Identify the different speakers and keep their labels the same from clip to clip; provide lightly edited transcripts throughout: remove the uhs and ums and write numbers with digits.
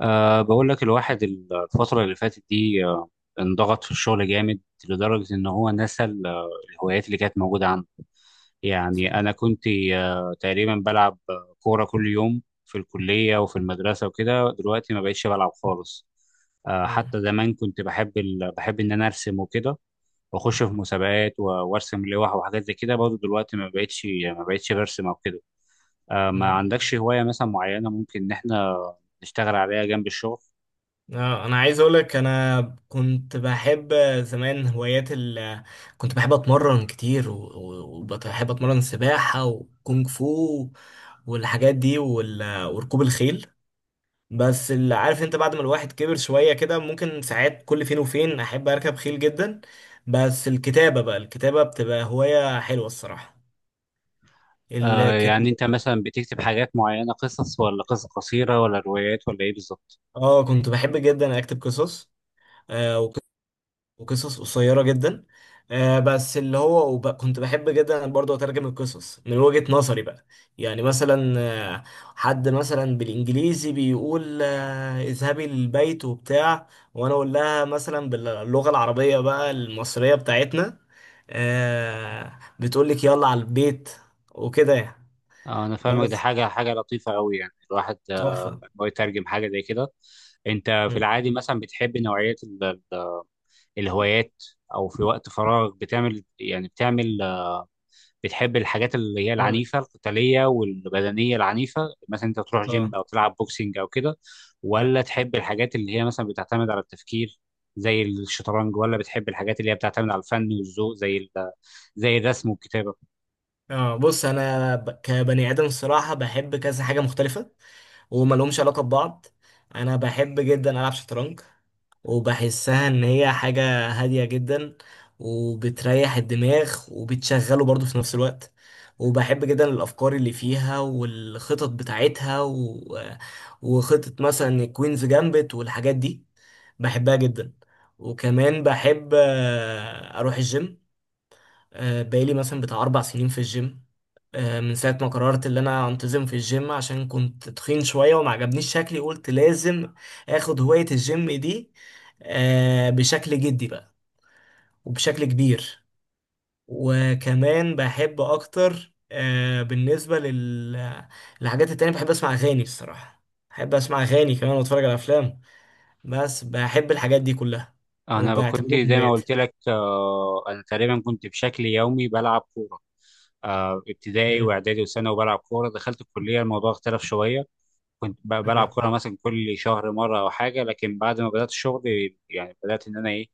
Speaker 1: بقول لك الواحد الفترة اللي فاتت دي انضغط في الشغل جامد، لدرجة إن هو نسى الهوايات اللي كانت موجودة عنده.
Speaker 2: صح.
Speaker 1: يعني أنا كنت تقريبا بلعب كورة كل يوم في الكلية وفي المدرسة وكده. دلوقتي ما بقتش بلعب خالص.
Speaker 2: مم.
Speaker 1: حتى زمان كنت بحب بحب إن أنا أرسم وكده، وأخش في مسابقات وأرسم لوح وحاجات زي كده برضه. دلوقتي ما بقتش برسم أو كده. ما
Speaker 2: مم.
Speaker 1: عندكش هواية مثلا معينة ممكن إن إحنا نشتغل عليها جنب الشغل؟
Speaker 2: انا عايز اقول لك انا كنت بحب زمان هوايات كنت بحب اتمرن كتير وبحب اتمرن سباحة وكونغ فو والحاجات دي وركوب الخيل. بس اللي عارف انت بعد ما الواحد كبر شوية كده ممكن ساعات كل فين وفين احب اركب خيل جدا. بس الكتابة بقى الكتابة بتبقى هواية حلوة الصراحة.
Speaker 1: آه يعني انت
Speaker 2: الكتابة.
Speaker 1: مثلا بتكتب حاجات معينة، قصص ولا قصص قصيرة ولا روايات ولا ايه بالظبط؟
Speaker 2: اه كنت بحب جدا اكتب قصص آه، وقصص قصيرة جدا. بس اللي هو كنت بحب جدا برضه أترجم القصص من وجهة نظري بقى. يعني مثلا حد مثلا بالإنجليزي بيقول اذهبي للبيت وبتاع، وأنا أقول لها مثلا باللغة العربية بقى المصرية بتاعتنا. بتقول لك يلا على البيت، وكده يعني.
Speaker 1: آه انا فاهمك، دي
Speaker 2: بس
Speaker 1: حاجة لطيفة قوي، يعني الواحد
Speaker 2: تحفة.
Speaker 1: إن هو يترجم حاجة زي كده. انت في
Speaker 2: مم.
Speaker 1: العادي مثلا بتحب نوعية ال- الهوايات، او في وقت فراغ بتعمل يعني بتعمل، بتحب الحاجات اللي هي
Speaker 2: أقول لك.
Speaker 1: العنيفة القتالية والبدنية العنيفة، مثلا انت تروح جيم
Speaker 2: اه
Speaker 1: او تلعب بوكسينج او كده، ولا تحب الحاجات اللي هي مثلا بتعتمد على التفكير زي الشطرنج، ولا بتحب الحاجات اللي هي بتعتمد على الفن والذوق زي زي الرسم والكتابة؟
Speaker 2: اه بص انا كبني ادم الصراحه بحب كذا حاجه مختلفه وما لهمش علاقه ببعض. انا بحب جدا العب شطرنج وبحسها ان هي حاجه هاديه جدا، وبتريح الدماغ وبتشغله برضه في نفس الوقت. وبحب جدا الافكار اللي فيها والخطط بتاعتها وخطه مثلا كوينز جامبت والحاجات دي، بحبها جدا. وكمان بحب اروح الجيم. بقالي مثلا بتاع أربع سنين في الجيم. من ساعة ما قررت إن أنا أنتظم في الجيم عشان كنت تخين شوية وما عجبنيش شكلي، قلت لازم آخد هواية الجيم دي بشكل جدي بقى وبشكل كبير. وكمان بحب أكتر بالنسبة للحاجات التانية، بحب أسمع أغاني الصراحة. بحب أسمع أغاني كمان وأتفرج على أفلام. بس بحب الحاجات دي كلها
Speaker 1: انا كنت
Speaker 2: وبعتبرهم
Speaker 1: زي ما قلت
Speaker 2: هواياتي.
Speaker 1: لك، انا تقريبا كنت بشكل يومي بلعب كورة، آه، ابتدائي
Speaker 2: مم.
Speaker 1: واعدادي وثانوي وبلعب كورة. دخلت الكلية الموضوع اختلف شوية، كنت بلعب كوره مثلا كل شهر مره او حاجه. لكن بعد ما بدات الشغل، يعني بدات ان انا ايه،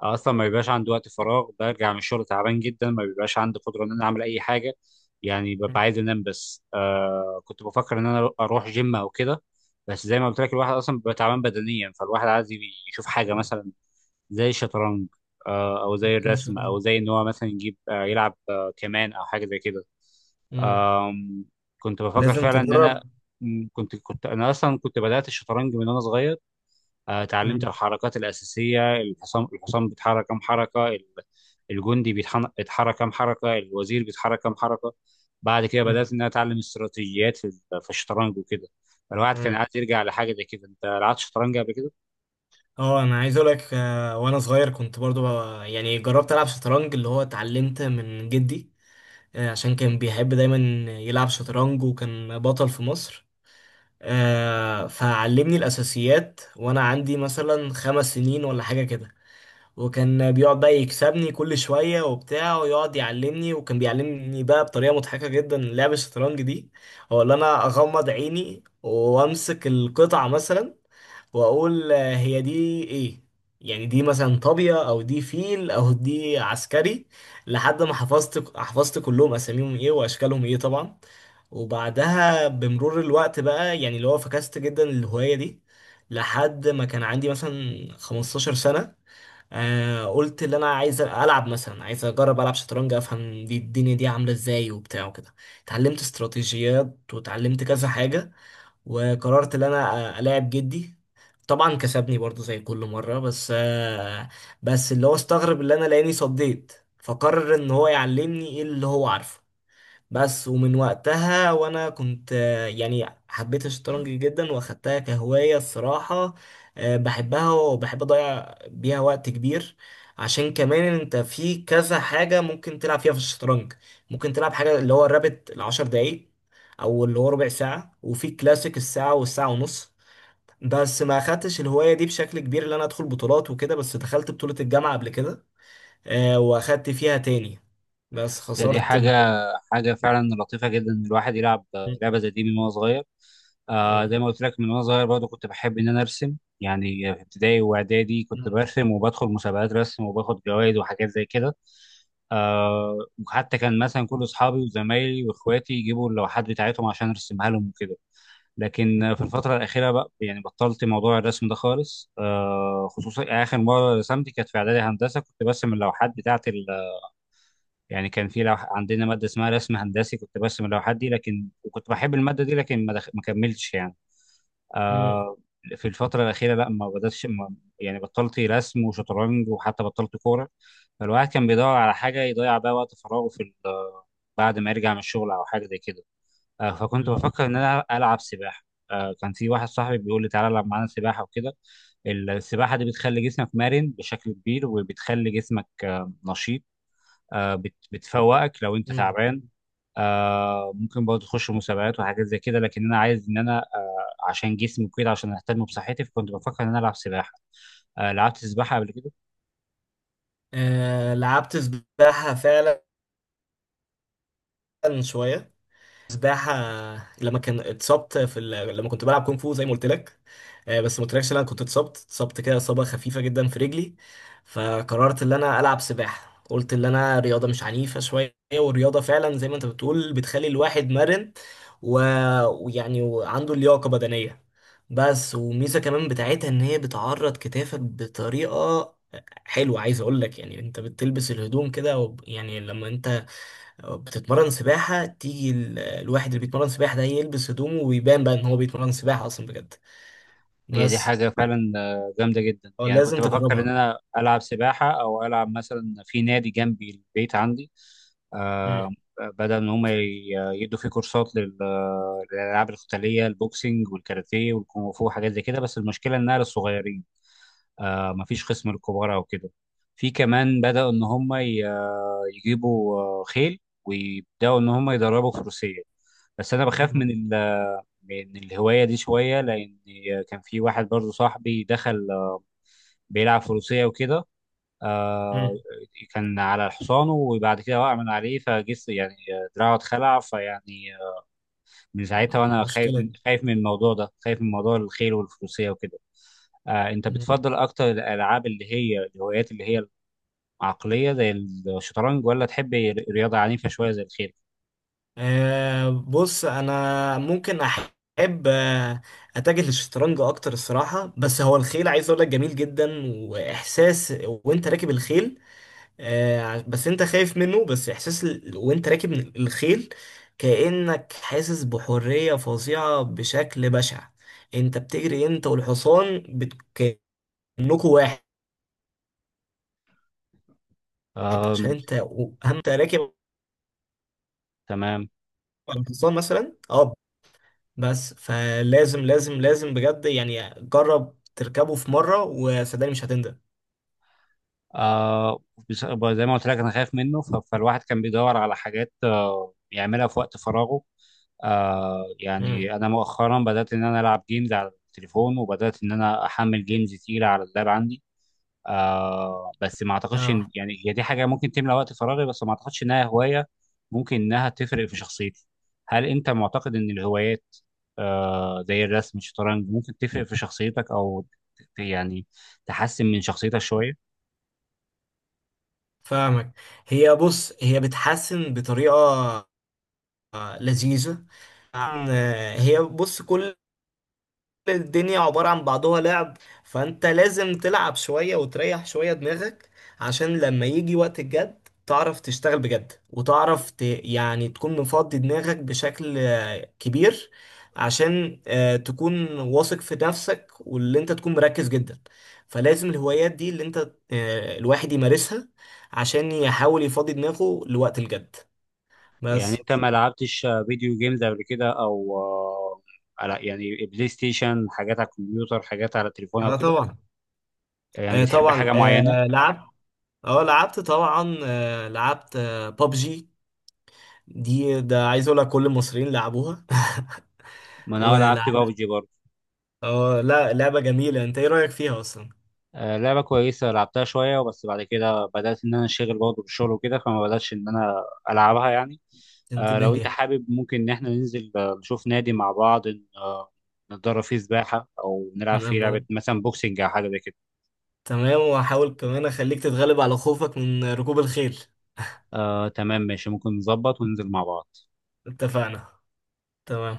Speaker 1: اصلا ما بيبقاش عندي وقت فراغ. برجع من الشغل تعبان جدا، ما بيبقاش عندي قدره ان انا اعمل اي حاجه، يعني ببقى
Speaker 2: مم.
Speaker 1: عايز انام بس. كنت بفكر ان انا اروح جيم او كده. بس زي ما قلت لك الواحد اصلا بيبقى تعبان بدنيا، فالواحد عايز يشوف حاجه
Speaker 2: مم.
Speaker 1: مثلا زي الشطرنج، او زي
Speaker 2: إن
Speaker 1: الرسم،
Speaker 2: شاء الله.
Speaker 1: او زي ان هو مثلا يجيب يلعب كمان، او حاجه زي كده.
Speaker 2: مم.
Speaker 1: آم، كنت بفكر
Speaker 2: لازم
Speaker 1: فعلا ان انا،
Speaker 2: تجرب.
Speaker 1: كنت انا اصلا كنت بدات الشطرنج من وانا صغير. اتعلمت
Speaker 2: مم.
Speaker 1: الحركات الاساسيه، الحصان بيتحرك كام حركه، الجندي بيتحرك كام حركه، الوزير بيتحرك كام حركه. بعد كده
Speaker 2: مم.
Speaker 1: بدات ان انا اتعلم استراتيجيات في في الشطرنج وكده. فالواحد كان
Speaker 2: مم.
Speaker 1: عايز يرجع لحاجه زي كده. انت لعبت شطرنج قبل كده؟
Speaker 2: اه انا عايز اقول لك وانا صغير كنت برضو يعني جربت العب شطرنج اللي هو اتعلمت من جدي. عشان كان بيحب دايما يلعب شطرنج وكان بطل في مصر. فعلمني الاساسيات وانا عندي مثلا خمس سنين ولا حاجة كده. وكان بيقعد بقى يكسبني كل شوية وبتاع ويقعد يعلمني، وكان بيعلمني بقى بطريقة مضحكة جدا لعب الشطرنج دي. هو اللي انا اغمض عيني وامسك القطعة مثلا واقول هي دي ايه، يعني دي مثلا طابية او دي فيل او دي عسكري، لحد ما حفظت كلهم اساميهم ايه واشكالهم ايه طبعا. وبعدها بمرور الوقت بقى يعني اللي هو فكست جدا الهواية دي. لحد ما كان عندي مثلا 15 سنة، قلت اللي انا عايز العب مثلا، عايز اجرب العب شطرنج افهم دي الدنيا دي عاملة ازاي وبتاع وكده. اتعلمت استراتيجيات وتعلمت كذا حاجة وقررت ان انا الاعب جدي. طبعا كسبني برضو زي كل مرة بس بس اللي هو استغرب اللي انا لاني صديت فقرر ان هو يعلمني ايه اللي هو عارفه. بس ومن وقتها وانا كنت يعني حبيت الشطرنج جدا واخدتها كهواية الصراحة. بحبها وبحب اضيع بيها وقت كبير عشان كمان انت في كذا حاجة ممكن تلعب فيها في الشطرنج. ممكن تلعب حاجة اللي هو الرابط العشر دقايق او اللي هو ربع ساعة، وفي كلاسيك الساعة والساعة ونص. بس ما اخدتش الهواية دي بشكل كبير اللي انا ادخل بطولات وكده، بس دخلت بطولة الجامعة قبل كده واخدت فيها تاني بس
Speaker 1: دي
Speaker 2: خسرت
Speaker 1: حاجة
Speaker 2: من
Speaker 1: حاجة فعلا لطيفة جدا، إن الواحد يلعب لعبة زي دي من وهو صغير. آه زي ما قلت لك، من وأنا صغير برضه كنت بحب إن أنا أرسم، يعني في ابتدائي وإعدادي كنت
Speaker 2: مم.
Speaker 1: برسم وبدخل مسابقات رسم وباخد جوائز وحاجات زي كده. آه، وحتى كان مثلا كل أصحابي وزمايلي وإخواتي يجيبوا اللوحات بتاعتهم عشان أرسمها لهم وكده. لكن آه، في الفترة الأخيرة بقى يعني بطلت موضوع الرسم ده خالص. خصوصا آخر مرة رسمت كانت في إعدادي هندسة، كنت برسم اللوحات بتاعة، يعني كان في عندنا ماده اسمها رسم هندسي، كنت برسم اللوحات دي. لكن وكنت بحب الماده دي، لكن ما كملتش يعني.
Speaker 2: مم.
Speaker 1: آه... في الفتره الاخيره لا، ما بداتش ما... يعني بطلت رسم وشطرنج وحتى بطلت كوره. فالواحد كان بيدور على حاجه يضيع بيها وقت فراغه بعد ما يرجع من الشغل او حاجه زي كده. فكنت
Speaker 2: آه.
Speaker 1: بفكر ان انا العب سباحه. كان في واحد صاحبي بيقول لي تعالى العب معانا سباحه وكده. السباحه دي بتخلي جسمك مرن بشكل كبير، وبتخلي جسمك نشيط، بتفوقك لو انت
Speaker 2: مم.
Speaker 1: تعبان. آه، ممكن برضه تخش مسابقات وحاجات زي كده، لكن انا عايز ان انا آه، عشان جسمي وكده، عشان اهتم بصحتي، فكنت بفكر ان انا العب سباحه. آه، لعبت سباحه قبل كده؟
Speaker 2: لعبت سباحة فعلا، شوية سباحة لما كان اتصبت لما كنت بلعب كونغ فو زي ما قلت لك. بس ما قلتلكش إن انا كنت اتصبت كده اصابة خفيفة جدا في رجلي. فقررت ان انا العب سباحة، قلت ان انا رياضة مش عنيفة شوية، والرياضة فعلا زي ما انت بتقول بتخلي الواحد مرن و... ويعني وعنده لياقة بدنية. بس وميزة كمان بتاعتها ان هي بتعرض كتافك بطريقة حلوة، عايز اقول لك يعني انت بتلبس الهدوم كده يعني لما انت بتتمرن سباحة تيجي الواحد اللي بيتمرن سباحة ده يلبس هدومه ويبان بقى ان هو بيتمرن سباحة اصلا بجد.
Speaker 1: هي دي
Speaker 2: بس
Speaker 1: حاجه فعلا جامده جدا. يعني كنت
Speaker 2: لازم
Speaker 1: بفكر ان
Speaker 2: تجربها.
Speaker 1: انا العب سباحه، او العب مثلا في نادي جنبي البيت عندي.
Speaker 2: مم.
Speaker 1: آه، بدل ان هم يدوا فيه كورسات للالعاب القتاليه، البوكسنج والكاراتيه والكونغ فو وحاجات زي كده. بس المشكله انها للصغيرين، آه، مفيش خصم للكبارة وكده. في كمان بدأوا إن هم يجيبوا خيل، ويبدأوا إن هم يدربوا فروسية. بس أنا بخاف
Speaker 2: مم.
Speaker 1: من من الهواية دي شوية، لأن كان في واحد برضو صاحبي دخل آه، بيلعب فروسية وكده. آه،
Speaker 2: مم.
Speaker 1: كان على حصانه وبعد كده وقع من عليه فجس، يعني آه، دراعه اتخلع، فيعني آه، من ساعتها وأنا خايف،
Speaker 2: المشكلة
Speaker 1: من
Speaker 2: دي.
Speaker 1: الموضوع ده، خايف من موضوع الخيل والفروسية وكده. آه أنت
Speaker 2: مم.
Speaker 1: بتفضل أكتر الألعاب اللي هي الهوايات اللي هي عقلية زي الشطرنج، ولا تحب رياضة عنيفة شوية زي الخيل؟
Speaker 2: بص انا ممكن احب آه، اتجه للشطرنج اكتر الصراحة. بس هو الخيل عايز اقول لك جميل جدا، واحساس وانت راكب الخيل بس انت خايف منه. بس احساس وانت راكب الخيل كأنك حاسس بحرية فظيعة بشكل بشع. انت بتجري انت والحصان كأنكوا واحد، عشان
Speaker 1: أم،
Speaker 2: انت اهم انت راكب
Speaker 1: تمام.
Speaker 2: على الحصان مثلا بس، فلازم لازم لازم بجد يعني جرب تركبه في مرة وصدقني مش هتندم.
Speaker 1: أه بس- زي ما قلت لك أنا خايف منه، فالواحد كان بيدور على حاجات يعملها في وقت فراغه.
Speaker 2: مم.
Speaker 1: يعني أنا مؤخرا بدأت إن أنا ألعب جيمز على التليفون، وبدأت إن أنا أحمل جيمز تقيلة على اللاب عندي. آه بس ما اعتقدش
Speaker 2: اه
Speaker 1: يعني هي دي حاجه ممكن تملى وقت فراغي، بس ما اعتقدش انها هوايه ممكن انها تفرق في شخصيتي. هل انت معتقد ان الهوايات آه زي الرسم الشطرنج ممكن تفرق في شخصيتك، او يعني تحسن من شخصيتك شويه؟
Speaker 2: فاهمك. بص هي بتحسن بطريقة لذيذة. هي بص كل الدنيا عبارة عن بعضها لعب، فانت لازم تلعب شوية وتريح شوية دماغك عشان لما يجي وقت الجد تعرف تشتغل بجد، وتعرف يعني تكون مفضي دماغك بشكل كبير عشان تكون واثق في نفسك، واللي انت تكون مركز جدا. فلازم الهوايات دي اللي انت الواحد يمارسها عشان يحاول يفضي دماغه لوقت الجد.
Speaker 1: يعني
Speaker 2: بس
Speaker 1: انت ما لعبتش فيديو جيمز قبل كده، او آه على يعني بلاي ستيشن، حاجات على الكمبيوتر، حاجات على التليفون او
Speaker 2: اه
Speaker 1: كده؟
Speaker 2: طبعا،
Speaker 1: يعني بتحب
Speaker 2: طبعا
Speaker 1: حاجه معينه؟
Speaker 2: لعبت، اه لعبت طبعا، لعبت بابجي. دي ده عايز اقول لك كل المصريين لعبوها
Speaker 1: ما انا لعبت
Speaker 2: ولعبت.
Speaker 1: بابجي برضه.
Speaker 2: اه لا، لعبة جميلة. انت ايه رأيك فيها اصلا؟
Speaker 1: آه، لعبة كويسة، لعبتها شوية وبس. بعد كده بدأت إن أنا أنشغل برضه بالشغل وكده، فما بدأتش إن أنا ألعبها يعني. آه،
Speaker 2: تنتبه
Speaker 1: لو أنت
Speaker 2: ليها.
Speaker 1: حابب ممكن إن إحنا ننزل آه، نشوف نادي مع بعض، نتدرب فيه سباحة، أو نلعب
Speaker 2: انا
Speaker 1: فيه لعبة مثلا بوكسنج أو حاجة زي كده.
Speaker 2: تمام وهحاول كمان اخليك تتغلب على خوفك من ركوب الخيل.
Speaker 1: آه، تمام ماشي، ممكن نظبط وننزل مع بعض.
Speaker 2: اتفقنا. تمام.